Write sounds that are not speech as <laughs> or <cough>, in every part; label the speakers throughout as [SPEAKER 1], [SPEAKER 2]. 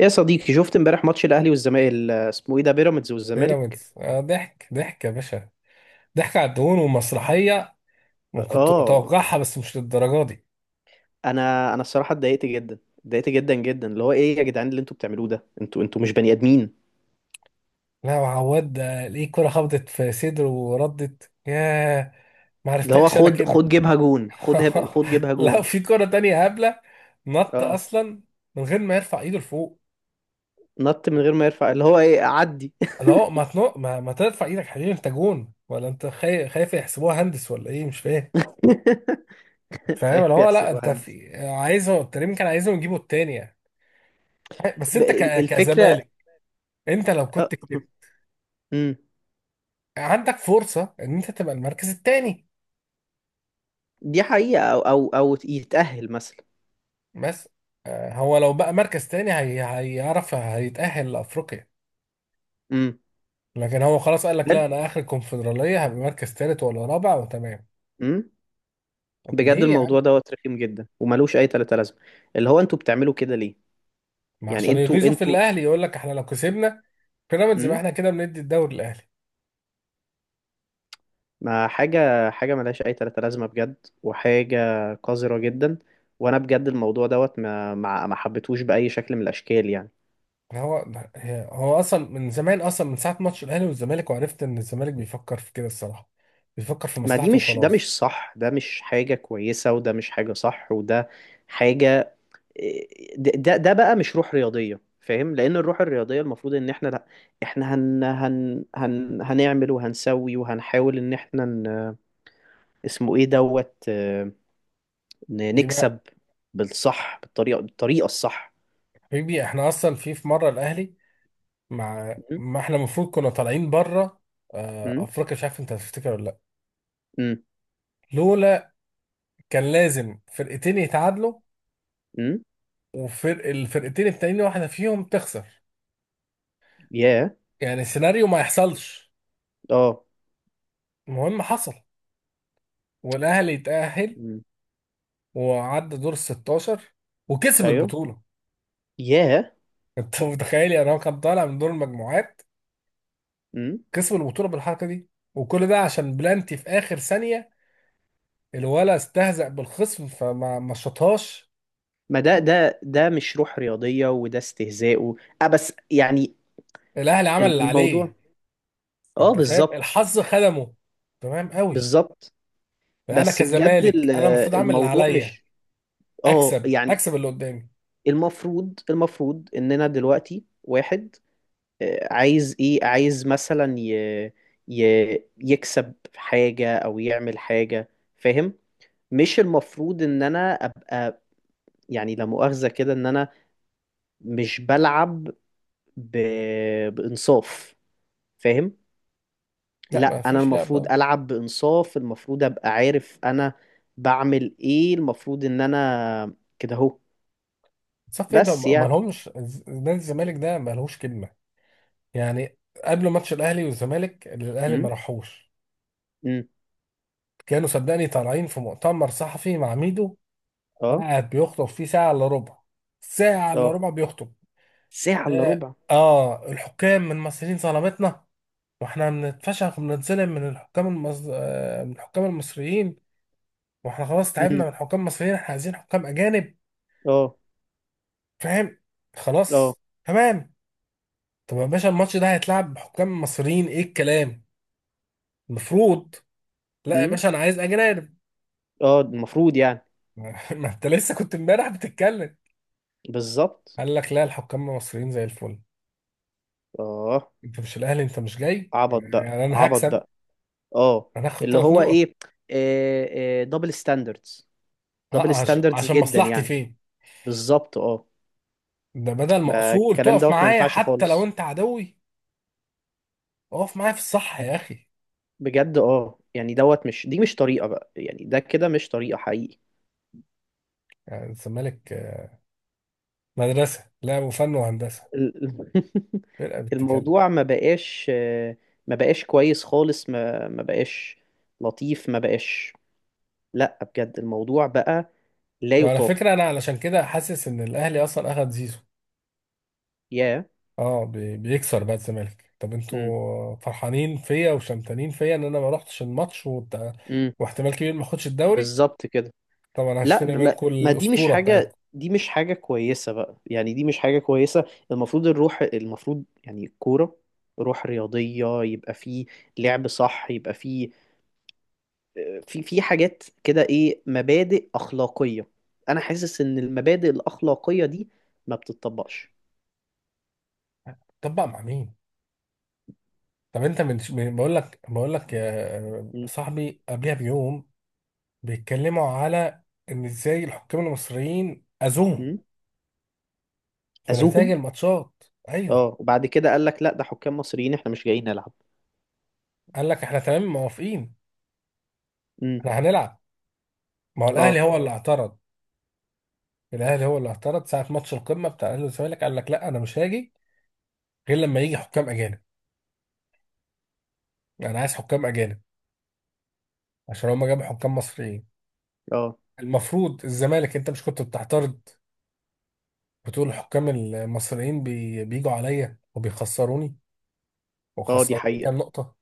[SPEAKER 1] يا صديقي شفت امبارح ماتش الاهلي والزمالك، ال- اسمه ايه ده بيراميدز والزمالك.
[SPEAKER 2] بيراميدز آه، ضحك ضحك يا باشا. ضحك على الدهون ومسرحية. ما كنت
[SPEAKER 1] اه،
[SPEAKER 2] متوقعها، بس مش للدرجة دي.
[SPEAKER 1] انا الصراحه اتضايقت جدا، اتضايقت جدا جدا. اللي هو ايه يا جدعان اللي انتوا بتعملوه ده، انتوا مش بني ادمين.
[SPEAKER 2] لا، وعواد ده ليه كرة خبطت في صدره وردت؟ ياه، ما
[SPEAKER 1] اللي هو
[SPEAKER 2] عرفتكش انا
[SPEAKER 1] خد
[SPEAKER 2] كده.
[SPEAKER 1] خد جيبها جون،
[SPEAKER 2] <laughs>
[SPEAKER 1] خد جيبها
[SPEAKER 2] لا،
[SPEAKER 1] جون.
[SPEAKER 2] في كرة تانية هبلة، نط
[SPEAKER 1] اه،
[SPEAKER 2] اصلا من غير ما يرفع ايده لفوق.
[SPEAKER 1] نط من غير ما يرفع، اللي هو ايه، عدي.
[SPEAKER 2] لا هو ما تنق ما, ما ترفع ايدك حبيبي، انت جون، ولا انت خايف؟ خايف يحسبوها هندس ولا ايه؟ مش فاهم.
[SPEAKER 1] <laughs>
[SPEAKER 2] فاهم اللي
[SPEAKER 1] خايف
[SPEAKER 2] هو، لا
[SPEAKER 1] يحسب
[SPEAKER 2] انت
[SPEAKER 1] مهندس.
[SPEAKER 2] في عايزه، التريم كان عايزهم يجيبوا التانية. بس انت
[SPEAKER 1] الفكره.
[SPEAKER 2] كزمالك، انت لو
[SPEAKER 1] آه.
[SPEAKER 2] كنت كسبت
[SPEAKER 1] مم.
[SPEAKER 2] عندك فرصة ان انت تبقى المركز التاني.
[SPEAKER 1] دي حقيقه، او يتاهل مثلا.
[SPEAKER 2] بس هو لو بقى مركز تاني هي هيعرف هيتأهل لأفريقيا.
[SPEAKER 1] امم.
[SPEAKER 2] لكن هو خلاص قال لك لا، انا اخر الكونفدرالية هبقى مركز تالت ولا رابع وتمام.
[SPEAKER 1] امم.
[SPEAKER 2] طب
[SPEAKER 1] بجد
[SPEAKER 2] ليه يا عم؟
[SPEAKER 1] الموضوع دوت رخيم جدا وملوش اي تلاته لازمه. اللي هو انتوا بتعملوا كده ليه؟
[SPEAKER 2] ما
[SPEAKER 1] يعني
[SPEAKER 2] عشان
[SPEAKER 1] انتوا
[SPEAKER 2] يغيظوا في
[SPEAKER 1] انتوا
[SPEAKER 2] الاهلي، يقول لك احنا لو كسبنا بيراميدز يبقى
[SPEAKER 1] امم.
[SPEAKER 2] احنا كده بندي الدوري الاهلي.
[SPEAKER 1] ما حاجه، حاجه ملهاش اي تلاته لازمه بجد. وحاجه قذره جدا. وانا بجد الموضوع دوت ما حبيتهوش باي شكل من الاشكال يعني.
[SPEAKER 2] هو هو اصلا من زمان، اصلا من ساعة ماتش الاهلي والزمالك، وعرفت ان الزمالك بيفكر في كده الصراحة، بيفكر في
[SPEAKER 1] ما دي
[SPEAKER 2] مصلحته
[SPEAKER 1] مش، ده
[SPEAKER 2] وخلاص.
[SPEAKER 1] مش صح، ده مش حاجه كويسه، وده مش حاجه صح، وده حاجه. ده بقى مش روح رياضيه، فاهم، لان الروح الرياضيه المفروض ان احنا لا. احنا هن هن هن هنعمل وهنسوي وهنحاول ان احنا ن... اسمه ايه دوت،
[SPEAKER 2] يبقى
[SPEAKER 1] نكسب بالصح، بالطريقة الصح.
[SPEAKER 2] حبيبي احنا اصلا في مرة الاهلي، مع
[SPEAKER 1] م-
[SPEAKER 2] ما احنا المفروض كنا طالعين بره
[SPEAKER 1] م-
[SPEAKER 2] افريقيا. مش عارف انت هتفتكر ولا لا.
[SPEAKER 1] م-
[SPEAKER 2] لولا، كان لازم فرقتين يتعادلوا
[SPEAKER 1] م-
[SPEAKER 2] وفرق الفرقتين التانيين واحده فيهم تخسر،
[SPEAKER 1] ياه.
[SPEAKER 2] يعني السيناريو ما يحصلش.
[SPEAKER 1] اه.
[SPEAKER 2] المهم حصل، والاهلي يتأهل
[SPEAKER 1] م-
[SPEAKER 2] وعدى دور ال 16 وكسب
[SPEAKER 1] ايوه.
[SPEAKER 2] البطوله.
[SPEAKER 1] ياه.
[SPEAKER 2] <laughs> انت متخيل؟ يعني هو كان طالع من دور المجموعات،
[SPEAKER 1] م-
[SPEAKER 2] كسب البطوله بالحركه دي، وكل ده عشان بلانتي في اخر ثانيه الولا استهزأ بالخصم فما ما شطهاش.
[SPEAKER 1] ما ده مش روح رياضية وده استهزاء و... اه بس يعني
[SPEAKER 2] الاهلي عمل اللي
[SPEAKER 1] الموضوع،
[SPEAKER 2] عليه،
[SPEAKER 1] اه
[SPEAKER 2] انت فاهم؟
[SPEAKER 1] بالظبط.
[SPEAKER 2] الحظ خدمه تمام قوي.
[SPEAKER 1] بالظبط.
[SPEAKER 2] فانا
[SPEAKER 1] بس بجد
[SPEAKER 2] كزمالك انا المفروض اعمل اللي
[SPEAKER 1] الموضوع
[SPEAKER 2] عليا،
[SPEAKER 1] مش، اه
[SPEAKER 2] اكسب
[SPEAKER 1] يعني.
[SPEAKER 2] اكسب اللي قدامي.
[SPEAKER 1] المفروض اننا دلوقتي واحد عايز ايه، عايز مثلا ي... ي... يكسب حاجة او يعمل حاجة، فاهم. مش المفروض ان انا ابقى، يعني لا مؤاخذة كده، ان انا مش بلعب ب... بانصاف، فاهم.
[SPEAKER 2] لا، ما
[SPEAKER 1] لا انا
[SPEAKER 2] فيش لعب
[SPEAKER 1] المفروض
[SPEAKER 2] طبعا.
[SPEAKER 1] العب بانصاف، المفروض ابقى عارف انا بعمل ايه، المفروض ان انا كده اهو،
[SPEAKER 2] صف ايه ده؟
[SPEAKER 1] بس
[SPEAKER 2] ما
[SPEAKER 1] يعني.
[SPEAKER 2] لهمش. نادي الزمالك ده ما لهوش كلمه يعني. قبل ماتش الاهلي والزمالك اللي الاهلي ما
[SPEAKER 1] امم.
[SPEAKER 2] راحوش،
[SPEAKER 1] امم.
[SPEAKER 2] كانوا صدقني طالعين في مؤتمر صحفي مع ميدو،
[SPEAKER 1] اه.
[SPEAKER 2] قاعد بيخطب فيه ساعه الا ربع. ساعه الا
[SPEAKER 1] اه.
[SPEAKER 2] ربع بيخطب.
[SPEAKER 1] ساعة الا
[SPEAKER 2] اه,
[SPEAKER 1] ربع.
[SPEAKER 2] الحكام من المصريين ظلمتنا، واحنا بنتفشخ وبنتظلم من الحكام المص... آه، من الحكام المصريين، واحنا خلاص تعبنا
[SPEAKER 1] امم.
[SPEAKER 2] من حكام مصريين، احنا عايزين حكام اجانب.
[SPEAKER 1] اه.
[SPEAKER 2] فاهم؟
[SPEAKER 1] اه.
[SPEAKER 2] خلاص تمام. طب يا باشا الماتش ده هيتلعب بحكام مصريين؟ ايه الكلام؟ المفروض لا يا
[SPEAKER 1] امم.
[SPEAKER 2] باشا، انا عايز اجانب.
[SPEAKER 1] اه المفروض يعني.
[SPEAKER 2] <laughs> ما انت لسه كنت امبارح بتتكلم،
[SPEAKER 1] بالظبط.
[SPEAKER 2] قال لك لا الحكام المصريين زي الفل.
[SPEAKER 1] اه
[SPEAKER 2] انت مش الاهلي، انت مش جاي
[SPEAKER 1] عبط بقى،
[SPEAKER 2] يعني انا
[SPEAKER 1] عبط
[SPEAKER 2] هكسب،
[SPEAKER 1] بقى. اه.
[SPEAKER 2] انا هاخد
[SPEAKER 1] اللي
[SPEAKER 2] ثلاث
[SPEAKER 1] هو
[SPEAKER 2] نقط.
[SPEAKER 1] ايه، دبل ستاندردز.
[SPEAKER 2] اه
[SPEAKER 1] دبل ستاندردز
[SPEAKER 2] عشان
[SPEAKER 1] جدا
[SPEAKER 2] مصلحتي
[SPEAKER 1] يعني،
[SPEAKER 2] فين؟
[SPEAKER 1] بالظبط اه.
[SPEAKER 2] ده بدل ما
[SPEAKER 1] ما
[SPEAKER 2] اصول
[SPEAKER 1] الكلام
[SPEAKER 2] تقف
[SPEAKER 1] دوت ما
[SPEAKER 2] معايا،
[SPEAKER 1] ينفعش
[SPEAKER 2] حتى لو
[SPEAKER 1] خالص.
[SPEAKER 2] انت عدوي اقف معايا في الصح يا اخي.
[SPEAKER 1] بجد اه يعني دوت، مش دي مش طريقة بقى يعني، ده كده مش طريقة حقيقي.
[SPEAKER 2] يعني الزمالك مدرسة لا وفن وهندسة،
[SPEAKER 1] ال- <laughs>
[SPEAKER 2] فرقة بتتكلم.
[SPEAKER 1] الموضوع ما بقاش، ما بقاش كويس خالص. ما بقاش لطيف. ما بقاش. لا بجد الموضوع بقى لا
[SPEAKER 2] وعلى فكرة
[SPEAKER 1] يطاق.
[SPEAKER 2] أنا علشان كده حاسس إن الأهلي أصلا أخد زيزو.
[SPEAKER 1] يا.
[SPEAKER 2] أه بيكسر بقى الزمالك. طب
[SPEAKER 1] امم.
[SPEAKER 2] أنتوا فرحانين فيا وشمتانين فيا إن أنا ما روحتش الماتش وبتاع،
[SPEAKER 1] امم.
[SPEAKER 2] واحتمال كبير ما آخدش الدوري؟
[SPEAKER 1] بالظبط كده.
[SPEAKER 2] طب أنا
[SPEAKER 1] لا
[SPEAKER 2] هشتري
[SPEAKER 1] ما
[SPEAKER 2] منكم
[SPEAKER 1] ما دي مش
[SPEAKER 2] الأسطورة
[SPEAKER 1] حاجة،
[SPEAKER 2] بتاعتكم.
[SPEAKER 1] دي مش حاجة كويسة بقى يعني، دي مش حاجة كويسة. المفروض الروح، المفروض يعني الكورة روح رياضية يبقى فيه، لعب صح يبقى فيه، في حاجات كده ايه، مبادئ أخلاقية. أنا حاسس إن المبادئ الأخلاقية دي ما بتطبقش.
[SPEAKER 2] طب بقى مع مين؟ طب أنت بقول لك يا
[SPEAKER 1] م-
[SPEAKER 2] صاحبي قبلها بيوم بيتكلموا على إن إزاي الحكام المصريين أذوهم
[SPEAKER 1] م-
[SPEAKER 2] في نتائج
[SPEAKER 1] أذوهم.
[SPEAKER 2] الماتشات. أيوه،
[SPEAKER 1] اه وبعد كده قال لك لا ده حكام مصريين احنا مش جايين نلعب.
[SPEAKER 2] قال لك إحنا تمام موافقين،
[SPEAKER 1] م-
[SPEAKER 2] إحنا هنلعب. ما هو الاهلي
[SPEAKER 1] اه.
[SPEAKER 2] هو اللي اعترض، الاهلي هو اللي اعترض ساعه ماتش القمه بتاع الاهلي والزمالك، قال لك لا انا مش هاجي غير لما يجي حكام اجانب، انا عايز حكام اجانب عشان هما جابوا حكام مصريين.
[SPEAKER 1] اه.
[SPEAKER 2] المفروض الزمالك انت مش كنت بتعترض بتقول الحكام المصريين بيجوا عليا وبيخسروني
[SPEAKER 1] اه دي
[SPEAKER 2] وخسروني
[SPEAKER 1] حقيقة.
[SPEAKER 2] كام نقطه؟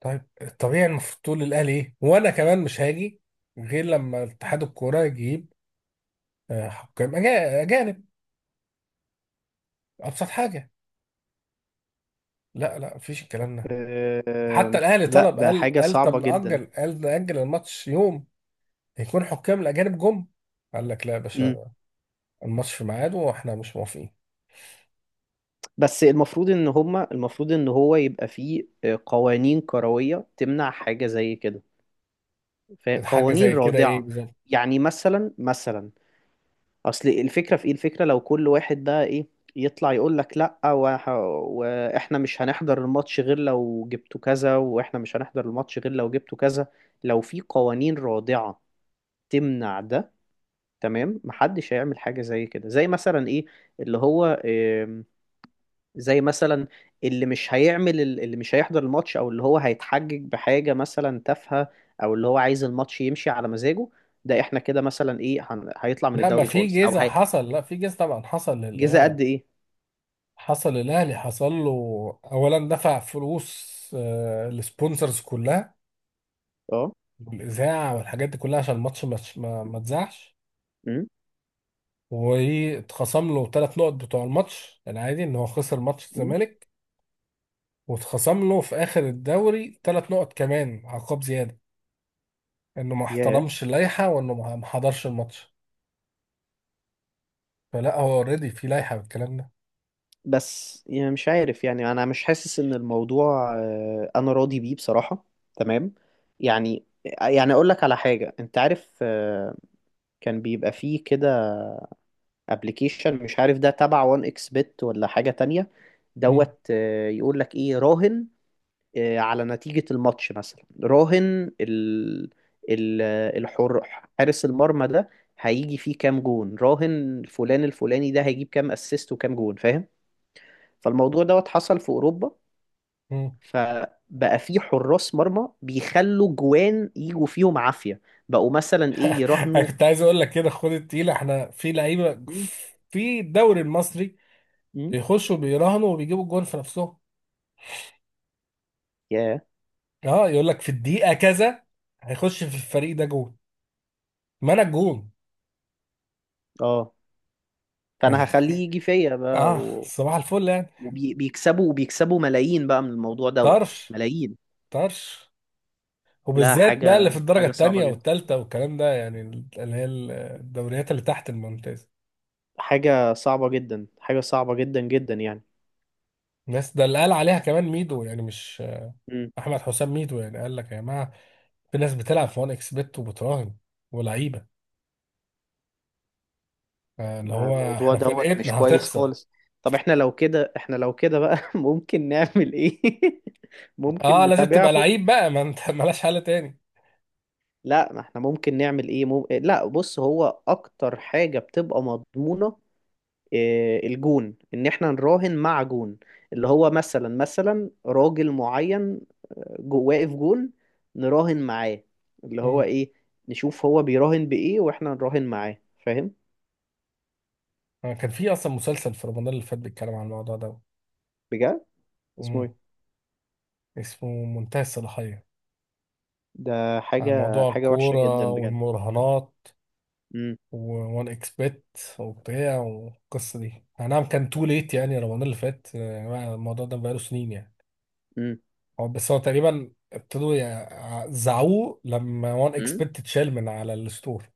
[SPEAKER 2] طيب الطبيعي المفروض تقول للاهلي ايه وانا كمان مش هاجي غير لما اتحاد الكوره يجيب حكام اجانب. ابسط حاجه. لا لا مفيش الكلام ده. حتى الاهلي
[SPEAKER 1] لا
[SPEAKER 2] طلب،
[SPEAKER 1] ده
[SPEAKER 2] قال
[SPEAKER 1] حاجة
[SPEAKER 2] قال طب
[SPEAKER 1] صعبة جدا.
[SPEAKER 2] نأجل، قال نأجل الماتش يوم هيكون حكام الاجانب جم. قال لك لا يا باشا، الماتش في ميعاده واحنا مش موافقين.
[SPEAKER 1] بس المفروض ان هما، المفروض ان هو يبقى فيه قوانين كروية تمنع حاجة زي كده،
[SPEAKER 2] حاجه
[SPEAKER 1] قوانين
[SPEAKER 2] زي كده ايه
[SPEAKER 1] رادعة.
[SPEAKER 2] بالظبط؟
[SPEAKER 1] يعني مثلا. اصل الفكرة في ايه، الفكرة لو كل واحد بقى ايه، يطلع يقول لك لا، واحنا مش هنحضر الماتش غير لو جبتوا كذا، واحنا مش هنحضر الماتش غير لو جبتوا كذا. لو في قوانين رادعة تمنع ده، تمام، محدش هيعمل حاجة زي كده. زي مثلا ايه، اللي هو زي مثلا، اللي مش هيعمل، اللي مش هيحضر الماتش، او اللي هو هيتحجج بحاجة مثلا تافهة، او اللي هو عايز الماتش يمشي على مزاجه. ده احنا كده مثلا ايه هيطلع من
[SPEAKER 2] لا، ما
[SPEAKER 1] الدوري
[SPEAKER 2] في
[SPEAKER 1] خالص او
[SPEAKER 2] جيزه
[SPEAKER 1] هي،
[SPEAKER 2] حصل، لا في جيزه طبعا حصل
[SPEAKER 1] جزاء
[SPEAKER 2] للاهلي،
[SPEAKER 1] قد ايه.
[SPEAKER 2] حصل للاهلي، حصل له. اولا دفع فلوس السبونسرز كلها
[SPEAKER 1] اه.
[SPEAKER 2] والاذاعه والحاجات دي كلها، عشان الماتش ما اتذاعش.
[SPEAKER 1] امم.
[SPEAKER 2] واتخصم له ثلاث نقط بتوع الماتش العادي ان هو خسر ماتش
[SPEAKER 1] امم.
[SPEAKER 2] الزمالك. واتخصم له في اخر الدوري ثلاث نقط كمان عقاب زياده، انه ما
[SPEAKER 1] ياه.
[SPEAKER 2] احترمش اللائحه وانه ما حضرش الماتش. فلا، هو اوريدي في لائحه بالكلام ده.
[SPEAKER 1] بس يعني مش عارف يعني، انا مش حاسس ان الموضوع انا راضي بيه بصراحة، تمام. يعني يعني اقول لك على حاجة، انت عارف كان بيبقى فيه كده ابلكيشن، مش عارف ده تبع وان اكس بت ولا حاجة تانية،
[SPEAKER 2] مم.
[SPEAKER 1] دوت يقول لك ايه، راهن على نتيجة الماتش، مثلا راهن ال ال الحر، حارس المرمى ده هيجي فيه كام جون، راهن فلان الفلاني ده هيجيب كام اسيست وكام جون، فاهم. فالموضوع دوت حصل في اوروبا.
[SPEAKER 2] مم.
[SPEAKER 1] فبقى في حراس مرمى بيخلوا جوان يجوا فيهم عافية، بقوا مثلا ايه
[SPEAKER 2] انا
[SPEAKER 1] يراهنوا.
[SPEAKER 2] كنت عايز اقول لك كده: خد التقيله، احنا في لعيبه
[SPEAKER 1] مم.
[SPEAKER 2] في الدوري المصري
[SPEAKER 1] مم.
[SPEAKER 2] بيخشوا بيراهنوا وبيجيبوا الجون في نفسهم.
[SPEAKER 1] ياه.
[SPEAKER 2] اه، يقول لك في الدقيقه كذا هيخش في الفريق ده جون، ما انا الجون.
[SPEAKER 1] اه. فانا
[SPEAKER 2] <laughs>
[SPEAKER 1] هخليه يجي فيا بقى.
[SPEAKER 2] اه، صباح الفل يعني.
[SPEAKER 1] وبيكسبوا، وبيكسبوا ملايين بقى من الموضوع دوت،
[SPEAKER 2] طرش
[SPEAKER 1] ملايين.
[SPEAKER 2] طرش.
[SPEAKER 1] لا
[SPEAKER 2] وبالذات بقى اللي في
[SPEAKER 1] حاجة،
[SPEAKER 2] الدرجة
[SPEAKER 1] حاجة صعبة
[SPEAKER 2] التانية
[SPEAKER 1] جدا،
[SPEAKER 2] والتالتة والكلام ده يعني، اللي هي الدوريات اللي تحت الممتاز.
[SPEAKER 1] حاجة صعبة جدا، حاجة صعبة جدا جدا يعني.
[SPEAKER 2] الناس ده اللي قال عليها كمان ميدو، يعني مش،
[SPEAKER 1] امم.
[SPEAKER 2] أحمد حسام ميدو يعني قال لك يا جماعة في ناس بتلعب في 1 اكس بت وبتراهن، ولعيبة اللي هو
[SPEAKER 1] الموضوع
[SPEAKER 2] احنا
[SPEAKER 1] دوت مش
[SPEAKER 2] فرقتنا
[SPEAKER 1] كويس
[SPEAKER 2] هتخسر.
[SPEAKER 1] خالص. طب احنا لو كده، احنا لو كده بقى <laughs> ممكن نعمل ايه؟ <laughs> ممكن
[SPEAKER 2] اه لازم تبقى
[SPEAKER 1] نتابعهم.
[SPEAKER 2] لعيب بقى، ما انت <laughs> ملاش حل تاني.
[SPEAKER 1] لا ما احنا ممكن نعمل ايه، لا بص، هو اكتر حاجة بتبقى مضمونة الجون، ان احنا نراهن مع جون، اللي هو مثلا راجل معين جو واقف جون، نراهن معاه، اللي هو
[SPEAKER 2] مم.
[SPEAKER 1] ايه، نشوف هو بيراهن بايه واحنا نراهن معاه، فاهم.
[SPEAKER 2] كان في اصلا مسلسل في رمضان اللي فات بيتكلم عن الموضوع ده.
[SPEAKER 1] بجد. اسمه ايه.
[SPEAKER 2] مم. اسمه منتهى الصلاحية،
[SPEAKER 1] ده
[SPEAKER 2] عن
[SPEAKER 1] حاجة،
[SPEAKER 2] موضوع
[SPEAKER 1] حاجة وحشة
[SPEAKER 2] الكورة
[SPEAKER 1] جدا بجد.
[SPEAKER 2] والمراهنات
[SPEAKER 1] امم.
[SPEAKER 2] و1 اكس بت وبتاع. والقصه دي أي نعم كان تو ليت يعني، رمضان اللي فات يعني، الموضوع ده بقاله سنين يعني.
[SPEAKER 1] امم.
[SPEAKER 2] هو بس هو تقريبا ابتدوا زعوه لما 1 اكس
[SPEAKER 1] امم.
[SPEAKER 2] بت اتشال من على الستور.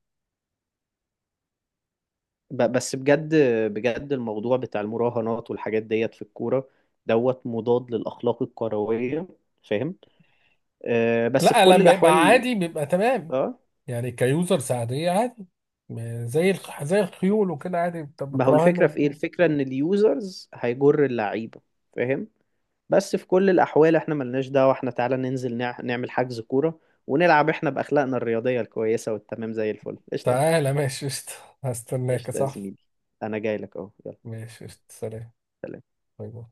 [SPEAKER 1] بس بجد، بجد الموضوع بتاع المراهنات والحاجات ديت في الكورة، دوت مضاد للأخلاق الكروية، فاهم. آه بس في
[SPEAKER 2] لا،
[SPEAKER 1] كل
[SPEAKER 2] لما يبقى
[SPEAKER 1] الأحوال.
[SPEAKER 2] عادي بيبقى تمام
[SPEAKER 1] اه.
[SPEAKER 2] يعني، كيوزرز عاديه عادي. زي زي الخيول وكده عادي،
[SPEAKER 1] ما هو
[SPEAKER 2] بتراهن
[SPEAKER 1] الفكرة في ايه،
[SPEAKER 2] و-
[SPEAKER 1] الفكرة ان اليوزرز هيجر اللعيبة، فاهم. بس في كل الاحوال احنا ملناش دعوة. احنا تعالى ننزل نعمل حجز كورة، ونلعب احنا باخلاقنا الرياضية الكويسة والتمام زي الفل، قشطة.
[SPEAKER 2] تعالى ماشي قشطة، هستناك يا
[SPEAKER 1] قشطة يا
[SPEAKER 2] صاحبي.
[SPEAKER 1] زميلي. انا جاي لك اهو، يلا،
[SPEAKER 2] ماشي قشطة، سلام.
[SPEAKER 1] سلام.
[SPEAKER 2] باي باي.